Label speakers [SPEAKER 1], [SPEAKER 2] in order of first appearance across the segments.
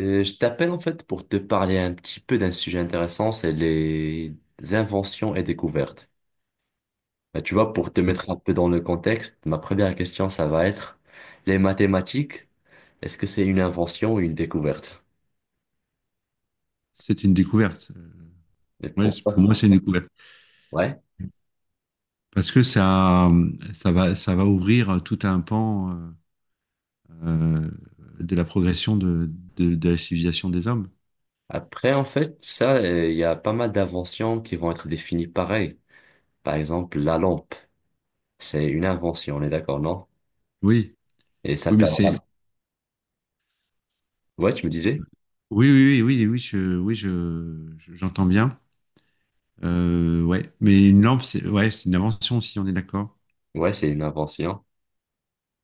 [SPEAKER 1] Je t'appelle en fait pour te parler un petit peu d'un sujet intéressant, c'est les inventions et découvertes. Bah, tu vois, pour te
[SPEAKER 2] Ouais.
[SPEAKER 1] mettre un peu dans le contexte, ma première question, ça va être les mathématiques, est-ce que c'est une invention ou une découverte?
[SPEAKER 2] C'est une découverte.
[SPEAKER 1] Et pourquoi
[SPEAKER 2] Pour moi,
[SPEAKER 1] ça?
[SPEAKER 2] c'est une découverte.
[SPEAKER 1] Ouais.
[SPEAKER 2] Parce que ça, ça va ouvrir tout un pan euh, de la progression de la civilisation des hommes.
[SPEAKER 1] Après, en fait, ça, il y a pas mal d'inventions qui vont être définies pareil. Par exemple, la lampe, c'est une invention, on est d'accord, non?
[SPEAKER 2] Oui,
[SPEAKER 1] Et ça
[SPEAKER 2] oui, mais
[SPEAKER 1] permet...
[SPEAKER 2] c'est.
[SPEAKER 1] Ouais, tu me disais?
[SPEAKER 2] Oui, oui, oui, oui, oui, je- J'entends bien. Ouais, mais une lampe, c'est une invention, si on est d'accord.
[SPEAKER 1] Ouais, c'est une invention.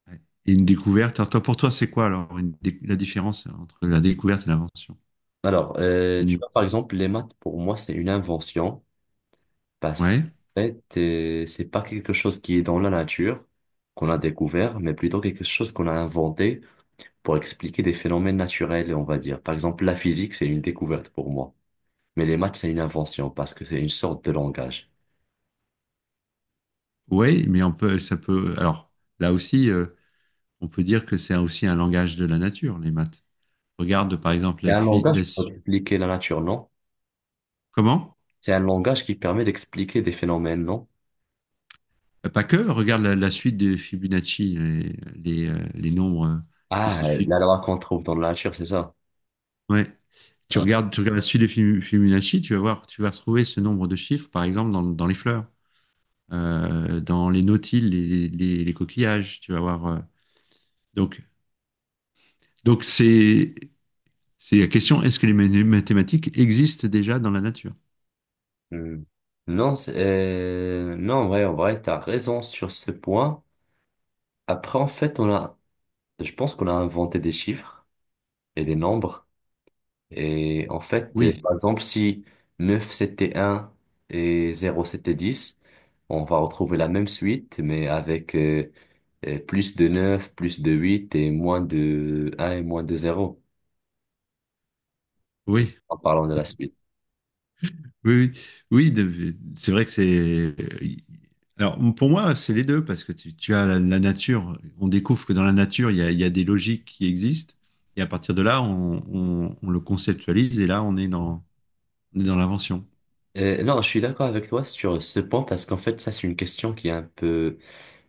[SPEAKER 2] Ouais. Et une découverte. Alors, toi, pour toi, c'est quoi la différence entre la découverte et l'invention?
[SPEAKER 1] Alors,
[SPEAKER 2] La
[SPEAKER 1] tu vois, par
[SPEAKER 2] nuance.
[SPEAKER 1] exemple, les maths, pour moi, c'est une invention parce que
[SPEAKER 2] Ouais,
[SPEAKER 1] en fait, c'est pas quelque chose qui est dans la nature, qu'on a découvert, mais plutôt quelque chose qu'on a inventé pour expliquer des phénomènes naturels, on va dire. Par exemple, la physique, c'est une découverte pour moi, mais les maths, c'est une invention parce que c'est une sorte de langage.
[SPEAKER 2] ouais, mais on peut, ça peut. Alors, là aussi. On peut dire que c'est aussi un langage de la nature, les maths. Regarde par exemple
[SPEAKER 1] C'est
[SPEAKER 2] la,
[SPEAKER 1] un
[SPEAKER 2] fi-
[SPEAKER 1] langage pour expliquer la nature, non?
[SPEAKER 2] comment
[SPEAKER 1] C'est un langage qui permet d'expliquer des phénomènes, non?
[SPEAKER 2] Pas que, regarde la suite de Fibonacci, les nombres qui
[SPEAKER 1] Ah,
[SPEAKER 2] se suivent.
[SPEAKER 1] la loi qu'on trouve dans la nature, c'est ça.
[SPEAKER 2] Ouais.
[SPEAKER 1] Ouais.
[SPEAKER 2] Tu regardes la suite de Fibonacci, tu vas voir, tu vas retrouver ce nombre de chiffres, par exemple, dans les fleurs, dans les nautiles, les coquillages, tu vas voir. Donc, Donc c'est la question: est-ce que les mathématiques existent déjà dans la nature?
[SPEAKER 1] Hmm. Non, en vrai, t'as raison sur ce point. Après, en fait, on a, je pense qu'on a inventé des chiffres et des nombres. Et en fait,
[SPEAKER 2] Oui,
[SPEAKER 1] par exemple, si 9 c'était un et zéro c'était dix, on va retrouver la même suite, mais avec plus de neuf, plus de 8 et moins de un et moins de zéro
[SPEAKER 2] oui,
[SPEAKER 1] en parlant de la suite.
[SPEAKER 2] Oui, oui, c'est vrai que c'est. Alors, pour moi, c'est les deux, parce que tu as la nature. On découvre que dans la nature, il y a des logiques qui existent. Et à partir de là, on le conceptualise, et là, on est dans l'invention.
[SPEAKER 1] Non, je suis d'accord avec toi sur ce point parce qu'en fait, ça, c'est une question qui est un peu,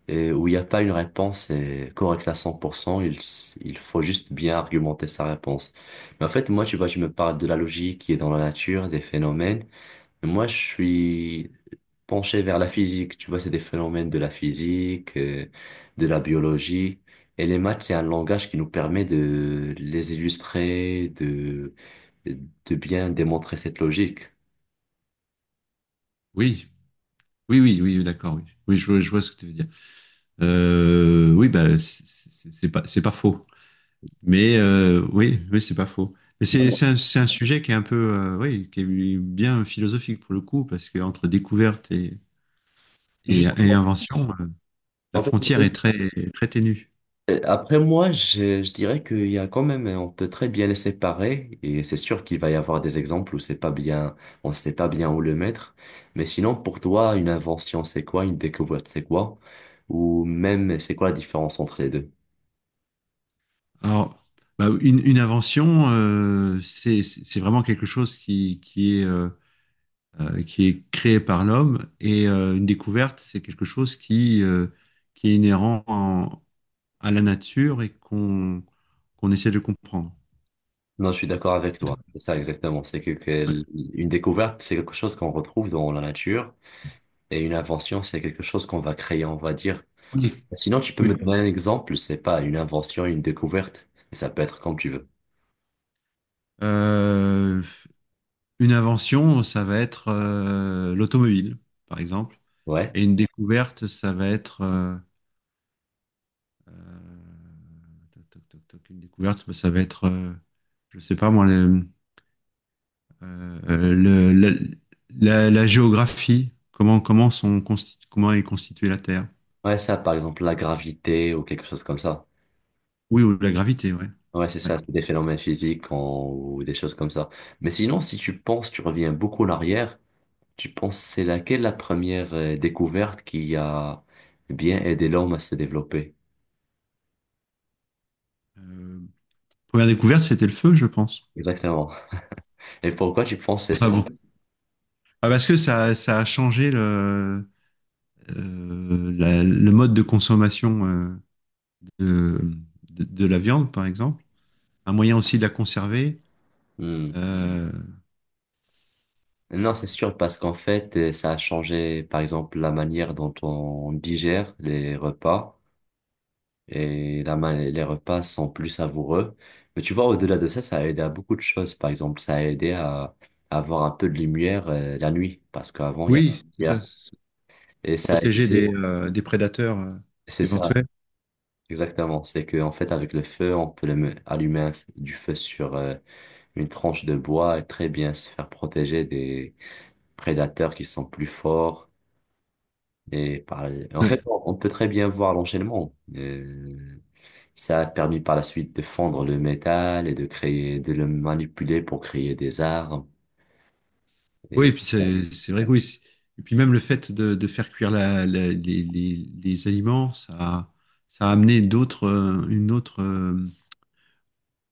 [SPEAKER 1] et où il n'y a pas une réponse correcte à 100%, il faut juste bien argumenter sa réponse. Mais en fait, moi, tu vois, je me parle de la logique qui est dans la nature, des phénomènes. Mais moi, je suis penché vers la physique. Tu vois, c'est des phénomènes de la physique, de la biologie. Et les maths, c'est un langage qui nous permet de les illustrer, de bien démontrer cette logique.
[SPEAKER 2] Oui, oui, oui, oui, oui, d'accord, oui. Oui, je, vois Je vois ce que tu veux dire. C'est pas, c'est pas faux. Mais oui, c'est pas faux. Mais
[SPEAKER 1] Non, non.
[SPEAKER 2] c'est un sujet qui est un peu, oui, qui est bien philosophique pour le coup, parce que entre découverte et
[SPEAKER 1] Justement,
[SPEAKER 2] invention, la
[SPEAKER 1] en fait,
[SPEAKER 2] frontière est très, très ténue.
[SPEAKER 1] Après moi, je dirais qu'il y a quand même, on peut très bien les séparer et c'est sûr qu'il va y avoir des exemples où c'est pas bien, on sait pas bien où le mettre. Mais sinon, pour toi, une invention, c'est quoi? Une découverte, c'est quoi? Ou même, c'est quoi la différence entre les deux?
[SPEAKER 2] Alors, bah, une invention, c'est vraiment quelque chose qui est créé par l'homme, et une découverte, c'est quelque chose qui est inhérent à la nature et qu'on essaie de comprendre.
[SPEAKER 1] Non, je suis d'accord avec toi. C'est ça exactement. C'est que, que
[SPEAKER 2] Ouais.
[SPEAKER 1] l- une découverte, c'est quelque chose qu'on retrouve dans la nature et une invention, c'est quelque chose qu'on va créer, on va dire.
[SPEAKER 2] Oui.
[SPEAKER 1] Sinon, tu peux me
[SPEAKER 2] Oui.
[SPEAKER 1] donner un exemple, c'est pas une invention, une découverte. Et ça peut être comme tu veux.
[SPEAKER 2] Euh, une invention, ça va être l'automobile, par exemple.
[SPEAKER 1] Ouais.
[SPEAKER 2] Et une découverte, ça va être Euh, toc, toc, toc, toc, une découverte, bah, ça va être, je sais pas moi, euh, euh, le- la, la géographie, comment est constituée la Terre.
[SPEAKER 1] Ouais, ça, par exemple, la gravité ou quelque chose comme ça.
[SPEAKER 2] Oui, ou la gravité, ouais.
[SPEAKER 1] Ouais, c'est
[SPEAKER 2] Ouais.
[SPEAKER 1] ça, c'est des phénomènes ou des choses comme ça. Mais sinon, si tu penses, tu reviens beaucoup en arrière, tu penses c'est laquelle la première découverte qui a bien aidé l'homme à se développer?
[SPEAKER 2] Euh, Première découverte, c'était le feu, je pense.
[SPEAKER 1] Exactement. Et pourquoi tu penses c'est ça?
[SPEAKER 2] Enfin bon. Ah, parce que ça a changé le, la- le mode de consommation de, de la viande, par exemple. Un moyen aussi de la conserver.
[SPEAKER 1] Hmm.
[SPEAKER 2] Euh,
[SPEAKER 1] Non, c'est sûr, parce qu'en fait, ça a changé, par exemple, la manière dont on digère les repas, et les repas sont plus savoureux. Mais tu vois, au-delà de ça, ça a aidé à beaucoup de choses. Par exemple, ça a aidé à avoir un peu de lumière la nuit, parce qu'avant, il y a pas
[SPEAKER 2] oui,
[SPEAKER 1] de
[SPEAKER 2] c'est ça.
[SPEAKER 1] lumière. Et ça a aidé,
[SPEAKER 2] Protéger des prédateurs
[SPEAKER 1] c'est ça,
[SPEAKER 2] éventuels.
[SPEAKER 1] exactement. C'est que en fait, avec le feu, on peut allumer du feu sur une tranche de bois et très bien se faire protéger des prédateurs qui sont plus forts. Et par- en
[SPEAKER 2] Ouais.
[SPEAKER 1] fait, on peut très bien voir l'enchaînement. Ça a permis par la suite de fondre le métal et de créer, de le manipuler pour créer des armes.
[SPEAKER 2] Oui, et
[SPEAKER 1] Et,
[SPEAKER 2] puis c'est vrai que oui. Et puis même le fait de faire cuire les aliments, ça a amené d'autres, une autre,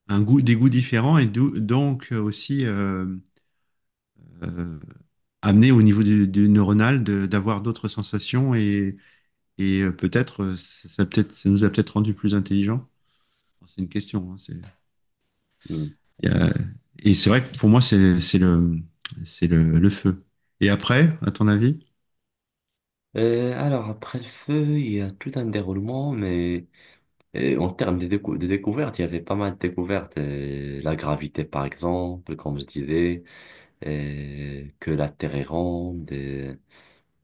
[SPEAKER 2] un goût, des goûts différents, et d'où- donc aussi euh, amené au niveau du neuronal, d'avoir d'autres sensations, et peut-être ça, ça peut-être ça nous a peut-être rendu plus intelligents. Bon, c'est une question, hein,
[SPEAKER 1] mm.
[SPEAKER 2] y a- et c'est vrai que pour moi, c'est le feu. Et après, à ton avis,
[SPEAKER 1] Alors, après le feu, il y a tout un déroulement, mais en termes de, de découvertes, il y avait pas mal de découvertes. La gravité, par exemple, comme je disais, que la Terre est ronde, euh,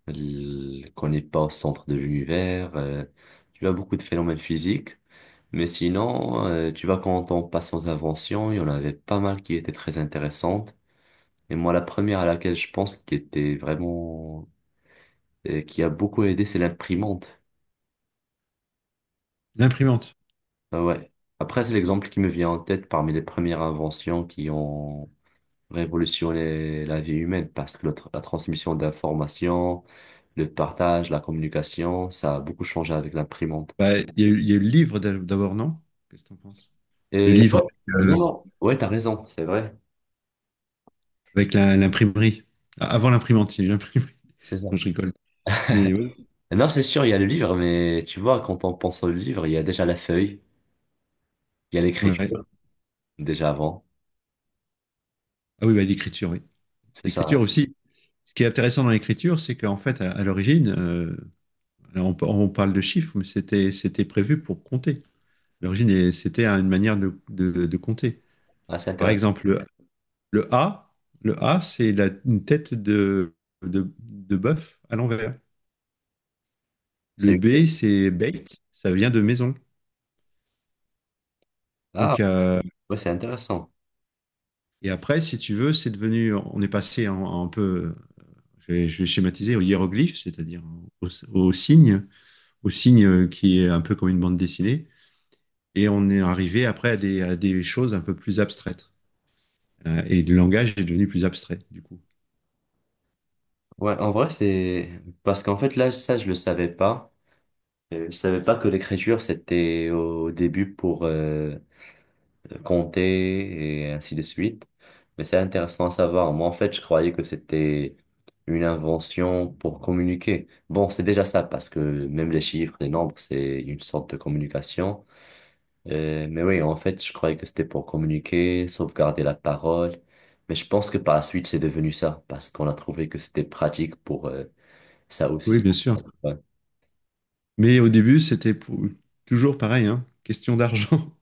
[SPEAKER 1] l- qu'on n'est pas au centre de l'univers. Tu as beaucoup de phénomènes physiques. Mais sinon, tu vois, quand on passe aux inventions, il y en avait pas mal qui étaient très intéressantes. Et moi, la première à laquelle je pense qui était vraiment, et qui a beaucoup aidé, c'est l'imprimante.
[SPEAKER 2] l'imprimante.
[SPEAKER 1] Ah ouais. Après, c'est l'exemple qui me vient en tête parmi les premières inventions qui ont révolutionné la vie humaine, parce que la transmission d'informations, le partage, la communication, ça a beaucoup changé avec l'imprimante.
[SPEAKER 2] Bah, il y a eu le livre d'abord, non? Qu'est-ce que t'en penses? Le
[SPEAKER 1] Et
[SPEAKER 2] livre
[SPEAKER 1] non,
[SPEAKER 2] avec,
[SPEAKER 1] non, ouais, t'as raison, c'est vrai.
[SPEAKER 2] avec l'imprimerie. Ah, avant l'imprimante, il y a eu l'imprimerie.
[SPEAKER 1] C'est ça.
[SPEAKER 2] Non, je rigole. Mais ouais.
[SPEAKER 1] Non, c'est sûr, il y a le livre, mais tu vois, quand on pense au livre, il y a déjà la feuille, il y a
[SPEAKER 2] Ouais.
[SPEAKER 1] l'écriture, déjà avant.
[SPEAKER 2] Ah oui, bah, l'écriture, oui.
[SPEAKER 1] C'est ça, hein.
[SPEAKER 2] L'écriture aussi. Ce qui est intéressant dans l'écriture, c'est qu'en fait, à l'origine, on parle de chiffres, mais c'était prévu pour compter. À l'origine, et c'était une manière de compter.
[SPEAKER 1] Ah, c'est
[SPEAKER 2] Par
[SPEAKER 1] intéressant.
[SPEAKER 2] exemple, Le A, le A, c'est une tête de bœuf à l'envers. Le
[SPEAKER 1] C'est...
[SPEAKER 2] B, c'est bait, ça vient de maison.
[SPEAKER 1] Ah,
[SPEAKER 2] Donc,
[SPEAKER 1] ouais, c'est intéressant.
[SPEAKER 2] et après, si tu veux, c'est devenu, on est passé en un peu, je vais schématiser, au hiéroglyphe, c'est-à-dire au, au signe, au signe qui est un peu comme une bande dessinée. Et on est arrivé après à des choses un peu plus abstraites. Et le langage est devenu plus abstrait, du coup.
[SPEAKER 1] Ouais, en vrai, c'est... Parce qu'en fait, là, ça, je le savais pas. Je savais pas que l'écriture, c'était au début pour compter et ainsi de suite. Mais c'est intéressant à savoir. Moi, en fait, je croyais que c'était une invention pour communiquer. Bon, c'est déjà ça, parce que même les chiffres, les nombres, c'est une sorte de communication. Mais oui, en fait, je croyais que c'était pour communiquer, sauvegarder la parole. Mais je pense que par la suite, c'est devenu ça, parce qu'on a trouvé que c'était pratique pour ça
[SPEAKER 2] Oui,
[SPEAKER 1] aussi.
[SPEAKER 2] bien sûr.
[SPEAKER 1] Ouais.
[SPEAKER 2] Mais au début, c'était toujours pareil, hein, question d'argent.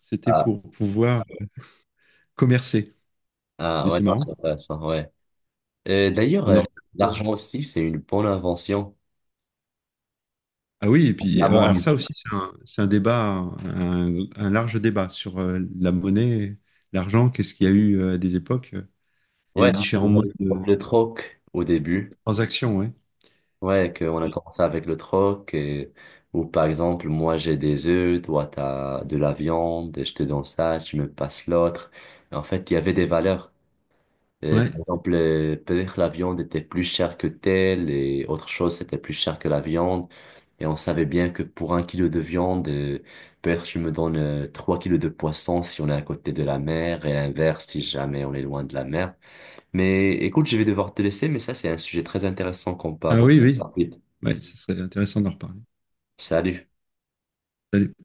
[SPEAKER 2] C'était
[SPEAKER 1] Ah,
[SPEAKER 2] pour pouvoir commercer.
[SPEAKER 1] ah,
[SPEAKER 2] Mais
[SPEAKER 1] ouais,
[SPEAKER 2] c'est
[SPEAKER 1] non, c'est
[SPEAKER 2] marrant.
[SPEAKER 1] intéressant, ouais. D'ailleurs,
[SPEAKER 2] On en
[SPEAKER 1] l'argent
[SPEAKER 2] reparle.
[SPEAKER 1] aussi, c'est une bonne invention.
[SPEAKER 2] Ah oui, et puis
[SPEAKER 1] La
[SPEAKER 2] alors
[SPEAKER 1] monnaie.
[SPEAKER 2] ça aussi, c'est un débat, un large débat sur la monnaie, l'argent, qu'est-ce qu'il y a eu à des époques. Il y a
[SPEAKER 1] Ouais,
[SPEAKER 2] eu
[SPEAKER 1] c'était
[SPEAKER 2] différents
[SPEAKER 1] déjà
[SPEAKER 2] modes
[SPEAKER 1] le
[SPEAKER 2] de
[SPEAKER 1] le troc au début.
[SPEAKER 2] transaction, ouais.
[SPEAKER 1] Ouais, qu'on a commencé avec le troc. Et... Ou par exemple, moi j'ai des œufs, toi t'as de la viande, je te donne ça, tu me passes l'autre. En fait, il y avait des valeurs.
[SPEAKER 2] Ouais.
[SPEAKER 1] Par exemple, peut-être la viande était plus chère que telle et autre chose, c'était plus cher que la viande. Et on savait bien que pour 1 kilo de viande, peut-être tu me donnes 3 kilos de poisson si on est à côté de la mer et l'inverse si jamais on est loin de la mer. Mais écoute, je vais devoir te laisser, mais ça, c'est un sujet très intéressant qu'on peut
[SPEAKER 2] Ah
[SPEAKER 1] aborder
[SPEAKER 2] oui, oui.
[SPEAKER 1] par la suite.
[SPEAKER 2] Ouais, ce serait intéressant d'en reparler.
[SPEAKER 1] Salut.
[SPEAKER 2] Salut.